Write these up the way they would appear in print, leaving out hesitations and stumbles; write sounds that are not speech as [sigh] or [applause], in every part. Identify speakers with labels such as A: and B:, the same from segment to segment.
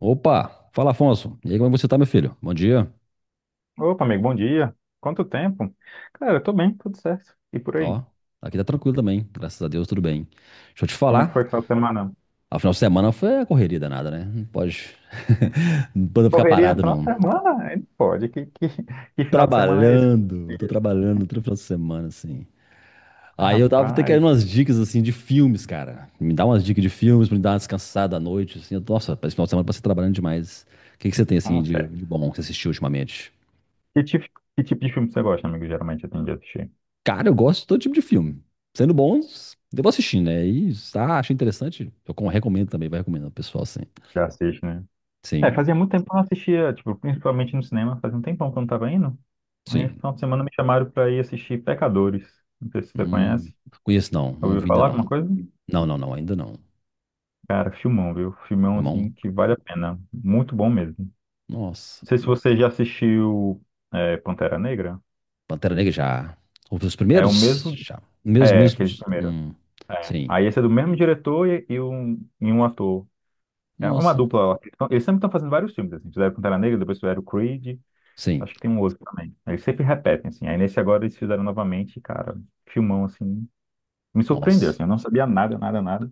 A: Opa! Fala, Afonso. E aí, como é que você tá, meu filho? Bom dia.
B: Opa, amigo, bom dia. Quanto tempo? Cara, eu tô bem, tudo certo. E por aí?
A: Ó, aqui tá tranquilo também. Graças a Deus, tudo bem. Deixa eu te
B: Como é que foi
A: falar.
B: o final de semana?
A: A final de semana foi a correria danada, né? Não pode, [laughs] não pode ficar
B: Correria no
A: parado,
B: final de
A: não.
B: semana? [laughs] Aí não pode, que final de semana é esse?
A: Trabalhando, tô trabalhando todo final de semana, assim.
B: Ah,
A: Aí eu tava até querendo
B: rapaz,
A: umas dicas, assim, de filmes, cara. Me dá umas dicas de filmes pra me dar uma descansada à noite, assim. Nossa, esse final de semana eu passei trabalhando demais. O que que você tem, assim,
B: nossa.
A: de,
B: É.
A: de bom que você assistiu ultimamente?
B: Que tipo, que tipo de filme você gosta, amigo? Geralmente eu tenho de assistir.
A: Cara, eu gosto de todo tipo de filme. Sendo bons, eu vou assistindo, né? E ah, achei interessante, recomendo também, vai recomendando o pessoal, sim.
B: Já assiste, né? É,
A: Sim,
B: fazia muito tempo que eu não assistia, tipo, principalmente no cinema, fazia um tempão que eu não tava indo. Aí, esse
A: sim.
B: final de semana me chamaram pra ir assistir Pecadores. Não sei se você
A: Hum,
B: conhece.
A: conheço não, não
B: Ouviu
A: vi ainda
B: falar
A: não.
B: alguma coisa?
A: Não, não, não, ainda não.
B: Cara, filmão, viu? Filmão,
A: Irmão,
B: assim, que vale a pena. Muito bom mesmo.
A: nossa.
B: Não sei se você já assistiu Pantera Negra.
A: Pantera Negra já. Os
B: É o
A: primeiros?
B: mesmo.
A: Já. Mesmo,
B: É,
A: mesmo.
B: aqueles primeiros. É.
A: Sim.
B: Aí esse é do mesmo diretor e um ator. É uma
A: Nossa.
B: dupla. Então, eles sempre estão fazendo vários filmes, assim. Fizeram Pantera Negra, depois fizeram Creed.
A: Sim.
B: Acho que tem um outro também. Eles sempre repetem, assim. Aí nesse agora eles fizeram novamente, e, cara, filmão, assim. Me surpreendeu,
A: Nossa.
B: assim. Eu não sabia nada, nada, nada.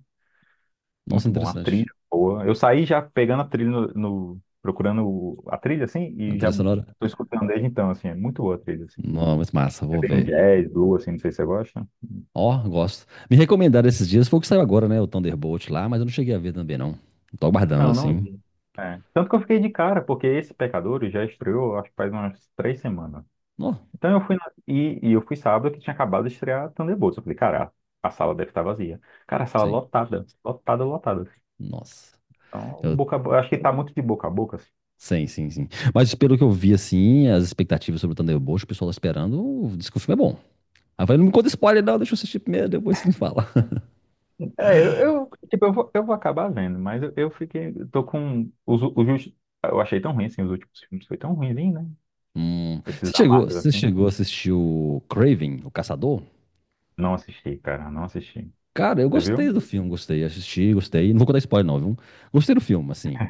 A: Nossa,
B: Muito bom. A
A: interessante.
B: trilha boa. Eu saí já pegando a trilha no, no- procurando o- a trilha, assim,
A: Na
B: e
A: trilha
B: já
A: sonora?
B: tô escutando desde então, assim. É muito boa a trilha, assim.
A: Não, mas massa, vou
B: Tem um
A: ver.
B: jazz, blues, assim, não sei se você gosta.
A: Ó, gosto. Me recomendaram esses dias, foi o que saiu agora, né? O Thunderbolt lá, mas eu não cheguei a ver também, não. Tô aguardando,
B: Não, não
A: assim.
B: vi. É. Tanto que eu fiquei de cara, porque esse Pecadores já estreou, acho que faz umas 3 semanas.
A: Ó,
B: Então eu fui na- e eu fui sábado que tinha acabado de estrear Thunderbolts. Eu falei, cara, a sala deve estar vazia. Cara, a sala
A: sim.
B: lotada, lotada, lotada.
A: Nossa.
B: Então, o
A: Eu,
B: boca a bo- acho que tá muito de boca a boca, assim.
A: sim, sim, sim. Mas pelo que eu vi, assim, as expectativas sobre o Thunderbolt, o pessoal tá esperando, diz que o filme é bom. Aí eu falei, não me conta spoiler, não, deixa eu assistir primeiro, depois você me fala. [laughs]
B: É, eu, tipo, eu vou acabar vendo, mas eu fiquei, eu tô com os, u- os, últimos- eu achei tão ruim assim, os últimos filmes foi tão ruimzinho, né? Esses da Marvel
A: Você
B: assim.
A: chegou a assistir o Craven, o Caçador?
B: Não assisti, cara, não assisti.
A: Cara, eu
B: Você viu?
A: gostei do filme, gostei, assisti, gostei. Não vou contar spoiler, não, viu? Gostei do filme, assim.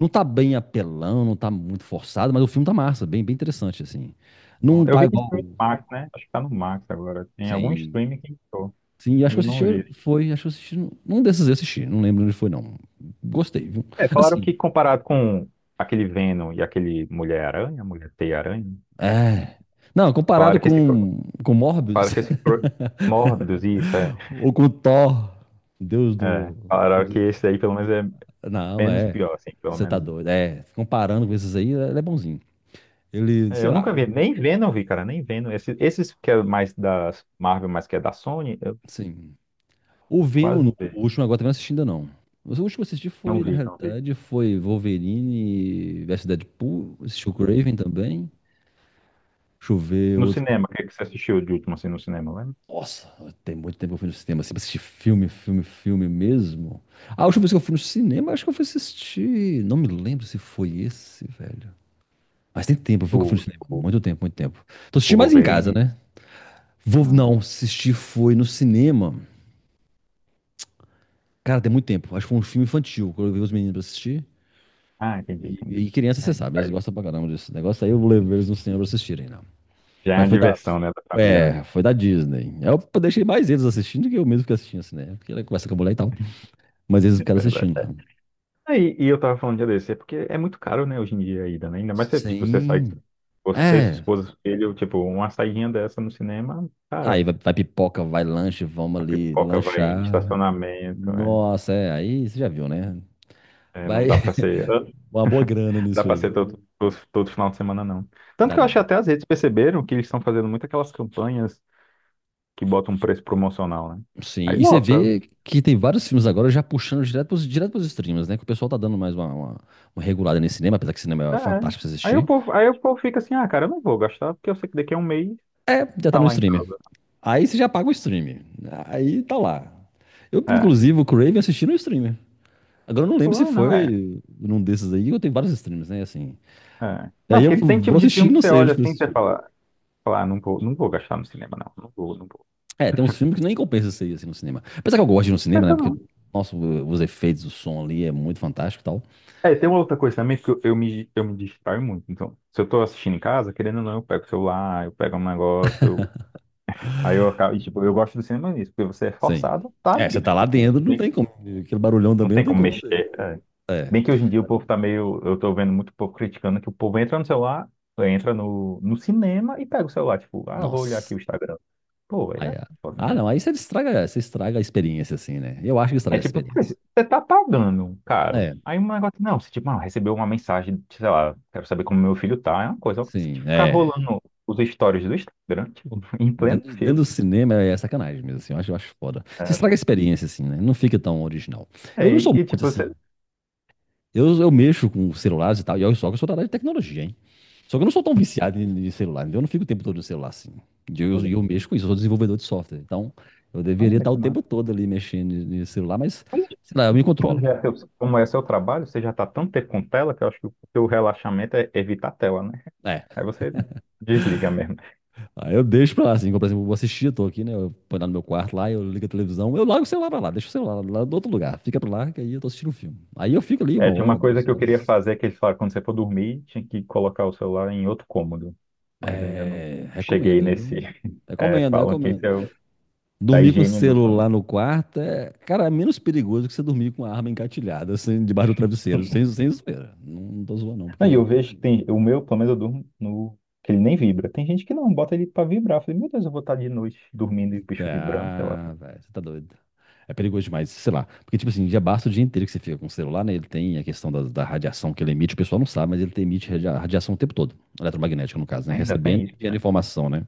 A: Não tá bem apelão, não tá muito forçado, mas o filme tá massa, bem, bem interessante, assim.
B: Bom,
A: Não
B: eu
A: tá
B: vi que tinha
A: igual.
B: no Max, né? Acho que tá no Max agora. Tem algum
A: Sim.
B: streaming que entrou,
A: Sim, acho
B: mas
A: que eu
B: eu não vi.
A: assisti, foi, acho que eu assisti. Num desses eu assisti, não lembro onde foi, não. Gostei, viu?
B: É, falaram
A: Assim,
B: que comparado com aquele Venom e aquele Mulher-Aranha, Mulher-Teia-Aranha,
A: é. Não, comparado
B: falaram que esse,
A: com Morbius,
B: falaram que esse Mórbidos, isso, é,
A: [laughs] ou com Thor, Deus
B: é.
A: do.
B: Falaram que esse daí pelo menos é
A: Não,
B: menos
A: é.
B: pior, assim, pelo
A: Você tá
B: menos.
A: doido. É, comparando com esses aí, ele é bonzinho. Ele,
B: É,
A: sei
B: eu nunca
A: lá.
B: vi, nem Venom eu vi, cara, nem Venom. Esses que é mais da Marvel, mas que é da Sony, eu
A: Sim. O
B: quase
A: Venom,
B: não vi.
A: o último agora também não assisti ainda não. Mas o último que eu assisti
B: Não
A: foi, na
B: vi, não vi.
A: realidade, foi Wolverine versus Deadpool, assisti o Craven também. Deixa eu ver
B: No
A: outro.
B: cinema, o que é que você assistiu de último, assim, no cinema, lembra?
A: Nossa, tem muito tempo que eu fui no cinema, assim, pra assistir filme, filme, filme mesmo. A última vez que eu fui no cinema, acho que eu fui assistir. Não me lembro se foi esse, velho. Mas tem tempo, viu
B: O,
A: que eu fui no cinema?
B: o,
A: Muito tempo, muito tempo. Tô
B: o
A: assistindo mais em casa,
B: Wolverine?
A: né? Vou,
B: Ah.
A: não, assistir foi no cinema. Cara, tem muito tempo. Acho que foi um filme infantil, que eu levei os meninos pra assistir.
B: Ah, entendi,
A: E,
B: entendi.
A: e criança, você
B: Aí,
A: sabe, eles
B: aí
A: gostam pra caramba desse negócio. Aí eu levei eles no cinema pra assistirem, não.
B: já é a
A: Mas foi da,
B: diversão, né, da família, né?
A: é, foi da Disney. Aí eu deixei mais eles assistindo do que eu mesmo que assistindo assim, né? Porque ela conversa com a mulher e tal. Mas eles
B: [laughs]
A: ficaram
B: Verdade.
A: assistindo lá.
B: Aí, e eu tava falando de ADC, porque é muito caro, né, hoje em dia ainda, né? Ainda mais se, tipo, você sai,
A: Sim.
B: você, sua
A: É.
B: esposa, filho, tipo, uma saidinha dessa no cinema,
A: Aí
B: cara,
A: vai, vai pipoca, vai lanche, vamos
B: a
A: ali
B: pipoca vai,
A: lanchar.
B: estacionamento, né?
A: Nossa, é. Aí você já viu, né?
B: É,
A: Vai
B: não dá pra ser,
A: [laughs] uma boa grana
B: dá
A: nisso
B: pra
A: aí.
B: ser todo, todo, todo final de semana, não. Tanto
A: Dá
B: que eu
A: não.
B: acho que até as redes perceberam que eles estão fazendo muito aquelas campanhas que botam um preço promocional, né?
A: Sim,
B: Aí
A: e você
B: lota.
A: vê que tem vários filmes agora já puxando direto pros streams, né? Que o pessoal tá dando mais uma regulada nesse cinema, apesar que cinema é
B: É. É.
A: fantástico pra você
B: Aí o
A: assistir.
B: povo, aí o povo fica assim, ah, cara, eu não vou gastar, porque eu sei que daqui a um mês
A: É, já tá
B: tá
A: no
B: lá em
A: streamer.
B: casa.
A: Aí você já paga o streamer. Aí tá lá. Eu,
B: É.
A: inclusive, o Crave assisti no streamer. Agora eu não lembro se
B: Pô, é, não é.
A: foi num desses aí, eu tenho vários streams, né? Assim.
B: É.
A: E
B: Não,
A: Aí eu
B: porque tem tipo
A: vou
B: de
A: assistir,
B: filme que
A: não
B: você
A: sei onde
B: olha
A: fui
B: assim e você
A: assistir.
B: fala, ah, não vou, não vou gastar no cinema, não. Não vou, não vou.
A: É, tem uns filmes que nem compensa sair assim no cinema. Apesar que eu gosto de ir no cinema, né?
B: Pensa
A: Porque,
B: não.
A: nossa, os efeitos, o som ali é muito fantástico e tal.
B: É, tem uma outra coisa também que eu me distraio muito. Então, se eu tô assistindo em casa, querendo ou não, eu pego o celular, eu pego um negócio, eu, aí eu acabo, e, tipo, eu gosto do cinema nisso, porque você é
A: Sim.
B: forçado, tá
A: É,
B: ali,
A: você
B: né?
A: tá lá
B: Tipo,
A: dentro, não tem como. Aquele barulhão
B: não
A: também não
B: tem
A: tem
B: como
A: como você.
B: mexer. É.
A: É,
B: Bem que hoje em dia o povo tá meio. Eu tô vendo muito povo criticando que o povo entra no celular, entra no cinema e pega o celular. Tipo, ah, vou olhar
A: nossa.
B: aqui o Instagram. Pô, é
A: Aí, ah,
B: foda, né?
A: não, aí você estraga a experiência, assim, né? Eu acho que estraga
B: É
A: a
B: tipo, pô,
A: experiência.
B: você tá pagando, caro.
A: É,
B: Aí um negócio, não, você tipo, ah, recebeu uma mensagem, sei lá, quero saber como meu filho tá, é uma coisa. Agora, você
A: sim,
B: tipo, ficar
A: é.
B: rolando os stories do Instagram, tipo, [laughs] em pleno
A: Dentro, dentro
B: filme,
A: do cinema é sacanagem mesmo, assim, eu acho foda. Você
B: né?
A: estraga a experiência, assim, né? Não fica tão original. Eu não
B: É, e,
A: sou
B: e,
A: muito
B: tipo,
A: assim.
B: você.
A: Eu mexo com celulares e tal, e olha só que eu sou da área de tecnologia. Só que eu não sou tão viciado em em celular, entendeu? Eu não fico o tempo todo no celular assim. Eu
B: [laughs]
A: mexo com isso, eu sou desenvolvedor de software. Então, eu deveria
B: Olha
A: estar o
B: que
A: tempo
B: massa.
A: todo ali mexendo no celular, mas,
B: Mas,
A: sei lá, eu me
B: Como
A: controlo.
B: já é seu, como é seu trabalho, você já tá tanto tempo com tela que eu acho que o teu relaxamento é evitar a tela, né?
A: É.
B: Aí você desliga mesmo.
A: Aí eu deixo pra lá, assim, como, por exemplo, eu vou assistir, eu tô aqui, né? Eu ponho lá no meu quarto lá, eu ligo a televisão, eu largo o celular pra lá, deixo o celular lá do outro lugar, fica pra lá, que aí eu tô assistindo um filme. Aí eu fico ali
B: É,
A: uma
B: tinha uma
A: hora,
B: coisa
A: duas
B: que eu queria
A: horas.
B: fazer que eles falaram, quando você for dormir, tinha que colocar o celular em outro cômodo. Mas eu ainda não
A: É,
B: cheguei
A: recomendo,
B: nesse.
A: viu?
B: [laughs] É,
A: Recomendo,
B: falam que esse
A: recomendo.
B: é o da
A: Dormir com o
B: higiene do sono.
A: celular no quarto é, cara, é menos perigoso que você dormir com a arma engatilhada, assim, debaixo do travesseiro, sem,
B: [laughs]
A: sem zoeira. Não, não tô zoando, não,
B: Não, e eu
A: porque.
B: vejo que tem, o meu, pelo menos eu durmo que ele nem vibra. Tem gente que não, bota ele pra vibrar. Eu falei, meu Deus, eu vou estar de noite dormindo e o bicho vibrando, sei lá.
A: Ah, velho, você tá doido. É perigoso demais, sei lá. Porque, tipo assim, já basta o dia inteiro que você fica com o celular, né? Ele tem a questão da radiação que ele emite, o pessoal não sabe, mas ele radiação o tempo todo, eletromagnética, no caso, né?
B: Ainda
A: Recebendo
B: tem
A: e
B: isso,
A: enviando
B: né?
A: informação, né?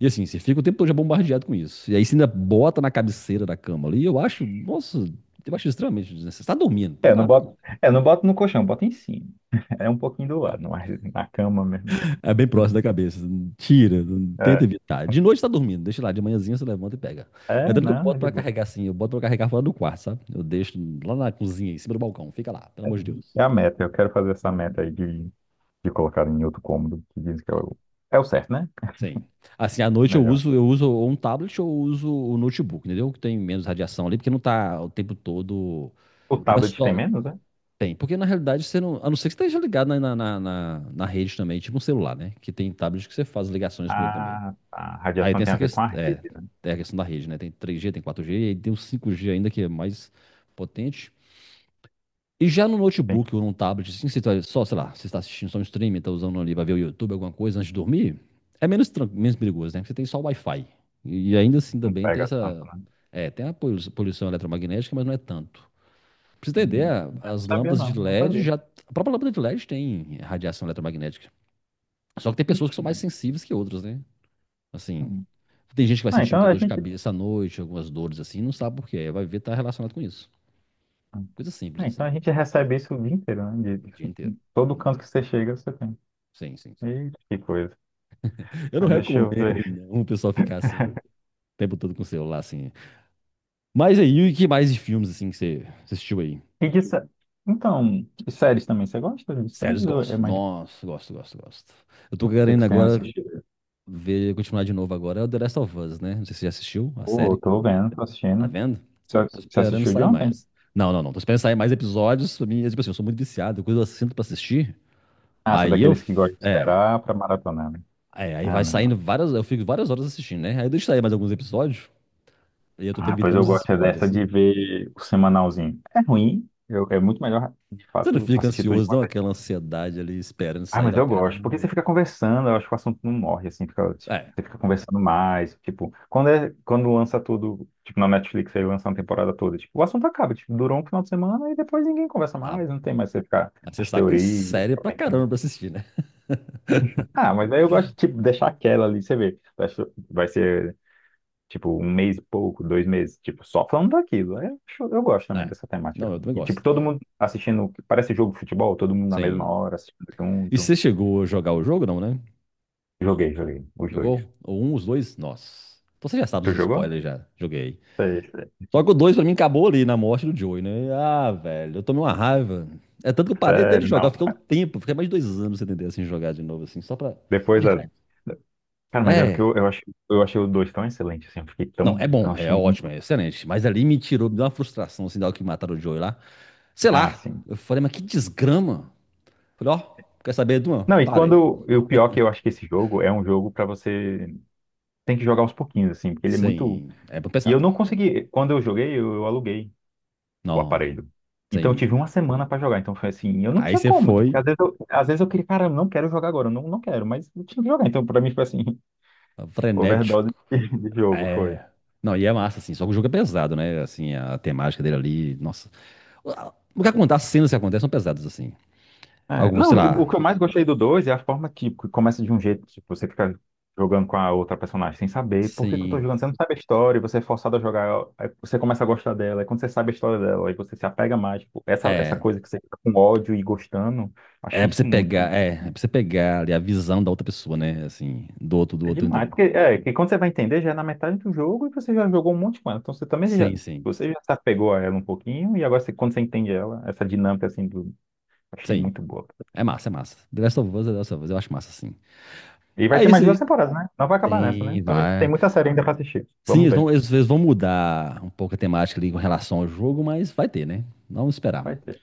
A: E assim, você fica o tempo todo já bombardeado com isso. E aí você ainda bota na cabeceira da cama ali, eu acho, nossa, eu acho extremamente desnecessário. Você tá dormindo,
B: É,
A: põe lá.
B: eu não boto no colchão, eu boto em cima. [laughs] É um pouquinho do lado, mas na cama mesmo.
A: É bem próximo da cabeça. Tira, tenta
B: É,
A: evitar. De noite tá dormindo, deixa lá. De manhãzinha você levanta e pega.
B: é
A: É tanto que eu
B: não, é
A: boto
B: de
A: pra
B: boa.
A: carregar assim, eu boto pra carregar fora do quarto, sabe? Eu deixo lá na cozinha, em cima do balcão. Fica lá, pelo amor de Deus.
B: É a meta, eu quero fazer essa meta aí de colocar em outro cômodo, que dizem que é o, certo, né?
A: Sim. Assim, à
B: É
A: noite
B: melhor.
A: eu uso ou um tablet ou eu uso o notebook, entendeu? Que tem menos radiação ali, porque não tá o tempo todo.
B: O
A: Não é
B: tablet tem
A: só.
B: menos, né?
A: Tem, porque na realidade você não. A não ser que você esteja ligado na rede também, tipo um celular, né? Que tem tablet que você faz ligações com ele também.
B: A
A: Aí
B: radiação
A: tem
B: tem
A: essa
B: a ver com a
A: questão,
B: rede,
A: é,
B: né?
A: tem a questão da rede, né? Tem 3G, tem 4G, e aí tem o 5G ainda que é mais potente. E já no
B: Tem,
A: notebook ou num tablet, assim, você tá só, sei lá, você está assistindo só um streaming, está usando ali para ver o YouTube, alguma coisa antes de dormir, é menos, menos perigoso, né? Porque você tem só o Wi-Fi. E ainda assim
B: não
A: também tem
B: pega tanto,
A: essa.
B: né?
A: É, tem a poluição eletromagnética, mas não é tanto. Pra você ter
B: Hum,
A: ideia,
B: não
A: as
B: sabia,
A: lâmpadas de
B: não, não
A: LED
B: sabia.
A: já. A própria lâmpada de LED tem radiação eletromagnética. Só que tem pessoas que
B: Ixi,
A: são mais
B: mas...
A: sensíveis que outras, né? Assim,
B: hum.
A: tem gente que vai
B: Ah,
A: sentir
B: então
A: muita
B: a
A: dor de
B: gente,
A: cabeça à noite, algumas dores assim, não sabe por quê. Vai ver tá relacionado com isso. Coisa simples
B: ah, então a
A: assim,
B: gente recebe isso o dia inteiro, né?
A: o dia inteiro.
B: Em todo canto que você chega, você tem.
A: Sim, sim, sim.
B: Eita, que coisa.
A: Eu não
B: Mas deixa eu ver.
A: recomendo não, o pessoal ficar assim, o
B: [laughs]
A: tempo todo com o celular assim. Mas aí, o que mais de filmes assim que você assistiu aí?
B: E de sé- Então, de séries também, você gosta de séries
A: Séries
B: ou é
A: gosto.
B: mais
A: Nossa, gosto, gosto, gosto. Eu tô
B: que
A: querendo
B: você tem
A: agora
B: assistido?
A: ver, continuar de novo agora, é o The Last of Us, né? Não sei se você já assistiu a
B: Pô, eu
A: série,
B: tô vendo, tô
A: tá
B: assistindo.
A: vendo?
B: Você
A: Tô
B: você
A: esperando
B: assistiu de
A: sair
B: ontem?
A: mais. Não, não, não. Tô esperando sair mais episódios. Pra mim, é tipo assim, eu sou muito viciado. Quando eu sinto pra assistir,
B: Ah, você é
A: aí eu.
B: daqueles que gosta de
A: É.
B: esperar pra maratonar, né?
A: É, aí
B: Ah,
A: vai
B: não,
A: saindo
B: não.
A: várias. Eu fico várias horas assistindo, né? Aí deixa aí mais alguns episódios. E eu tô te
B: Ah, pois
A: evitando
B: eu
A: os
B: gosto é dessa
A: spoilers, assim.
B: de ver o semanalzinho. É ruim, é muito melhor, de
A: Você não
B: fato,
A: fica
B: assistir tudo de
A: ansioso,
B: uma
A: não?
B: vez.
A: Aquela ansiedade ali esperando
B: Ah,
A: sair
B: mas
A: pra
B: eu gosto,
A: caramba.
B: porque você fica conversando, eu acho que o assunto não morre, assim, fica, tipo,
A: É.
B: você fica conversando mais, tipo, quando lança tudo, tipo, na Netflix, aí lança uma temporada toda, tipo, o assunto acaba, tipo, durou um final de semana e depois ninguém conversa
A: Ah,
B: mais, não tem mais você ficar
A: mas você
B: as
A: sabe que tem
B: teorias,
A: série
B: ficar
A: pra
B: pensando.
A: caramba pra assistir, né?
B: Ah, mas aí eu gosto tipo, deixar aquela ali, você vê. Vai ser, tipo um mês e pouco, 2 meses, tipo, só falando daquilo. Aí eu gosto também
A: É.
B: dessa temática.
A: Não, eu também
B: E tipo,
A: gosto.
B: todo mundo assistindo, parece jogo de futebol, todo mundo na mesma
A: Sim.
B: hora, assistindo
A: E
B: junto.
A: você chegou a jogar o jogo, não, né?
B: Joguei, joguei, os dois.
A: Jogou? Ou um, os dois? Nossa. Então você já sabe
B: Tu
A: os
B: jogou?
A: spoilers já. Joguei.
B: Sei, sei.
A: Só que o 2 pra mim acabou ali na morte do Joey, né? Ah, velho, eu tomei uma raiva. É tanto que eu parei até de
B: Sério,
A: jogar, eu
B: não.
A: fiquei um tempo, fiquei mais de 2 anos sem entender assim jogar de novo, assim, só pra. Só
B: Depois
A: de
B: da.
A: raiva.
B: da- Cara, mas é porque
A: É.
B: eu, eu achei os dois tão excelentes, assim, eu fiquei
A: Não,
B: tão.
A: é
B: Eu
A: bom, é
B: achei
A: ótimo,
B: muito.
A: é excelente. Mas ali me tirou, me deu uma frustração, assim, da hora que mataram o Joey lá. Sei
B: Ah,
A: lá.
B: sim.
A: Eu falei, mas que desgrama. Falei, ó, quer saber, Duan?
B: Não, e
A: Parei.
B: quando. E o pior é que eu acho que esse jogo é um jogo pra você. Tem que jogar aos pouquinhos, assim, porque ele é muito.
A: Sim. É bom
B: E eu
A: pesado.
B: não consegui. Quando eu joguei, eu aluguei o
A: Não,
B: aparelho. Então eu
A: sim.
B: tive uma semana para jogar. Então foi assim, eu não
A: Aí
B: tinha
A: você
B: como. Tipo, porque às
A: foi
B: vezes eu, às vezes eu queria, cara, eu não quero jogar agora, eu não, não quero, mas eu tinha que jogar. Então pra mim foi assim, [laughs]
A: frenético.
B: overdose de jogo, foi.
A: É. Não, e é massa, assim, só que o jogo é pesado, né? Assim, a temática dele ali, nossa. O que acontece, as cenas que acontecem são pesadas, assim.
B: É,
A: Algumas, sei
B: não, e o
A: lá,
B: que eu mais gostei do 2 é a forma que, começa de um jeito, tipo, você fica jogando com a outra personagem sem saber por que que eu tô
A: assim.
B: jogando, você não sabe a história, e você é forçado a jogar, aí você começa a gostar dela, e quando você sabe a história dela, aí você se apega mais, tipo, essa
A: É.
B: coisa que você fica com ódio e gostando,
A: É
B: achei
A: pra você
B: isso muito.
A: pegar, é, é pra você pegar ali a visão da outra pessoa, né? Assim, do
B: É
A: outro. Entendeu?
B: demais, porque é, que quando você vai entender, já é na metade do jogo e você já jogou um monte com ela. Então você também já,
A: Sim, sim.
B: você já se apegou a ela um pouquinho e agora quando você entende ela, essa dinâmica assim do. Achei
A: Sim.
B: muito boa.
A: É massa, é massa. The Last of Us, é The Last of Us, eu acho massa, sim.
B: E vai ter
A: Aí
B: mais duas
A: sim.
B: temporadas, né? Não vai acabar nessa, né?
A: Tem,
B: Então a gente tem
A: vai.
B: muita série ainda pra assistir.
A: Sim,
B: Vamos
A: eles
B: ver.
A: vão, eles vão mudar um pouco a temática ali com relação ao jogo, mas vai ter, né? Vamos esperar.
B: Vai ter.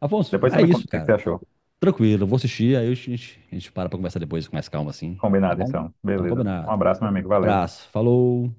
A: Afonso,
B: Depois você
A: é
B: me conta
A: isso,
B: o que você
A: cara.
B: achou.
A: Tranquilo, eu vou assistir, aí a gente para pra conversar depois com mais calma, assim. Tá
B: Combinado,
A: bom?
B: então.
A: Então,
B: Beleza. Um
A: combinado.
B: abraço, meu amigo. Valeu.
A: Abraço, falou.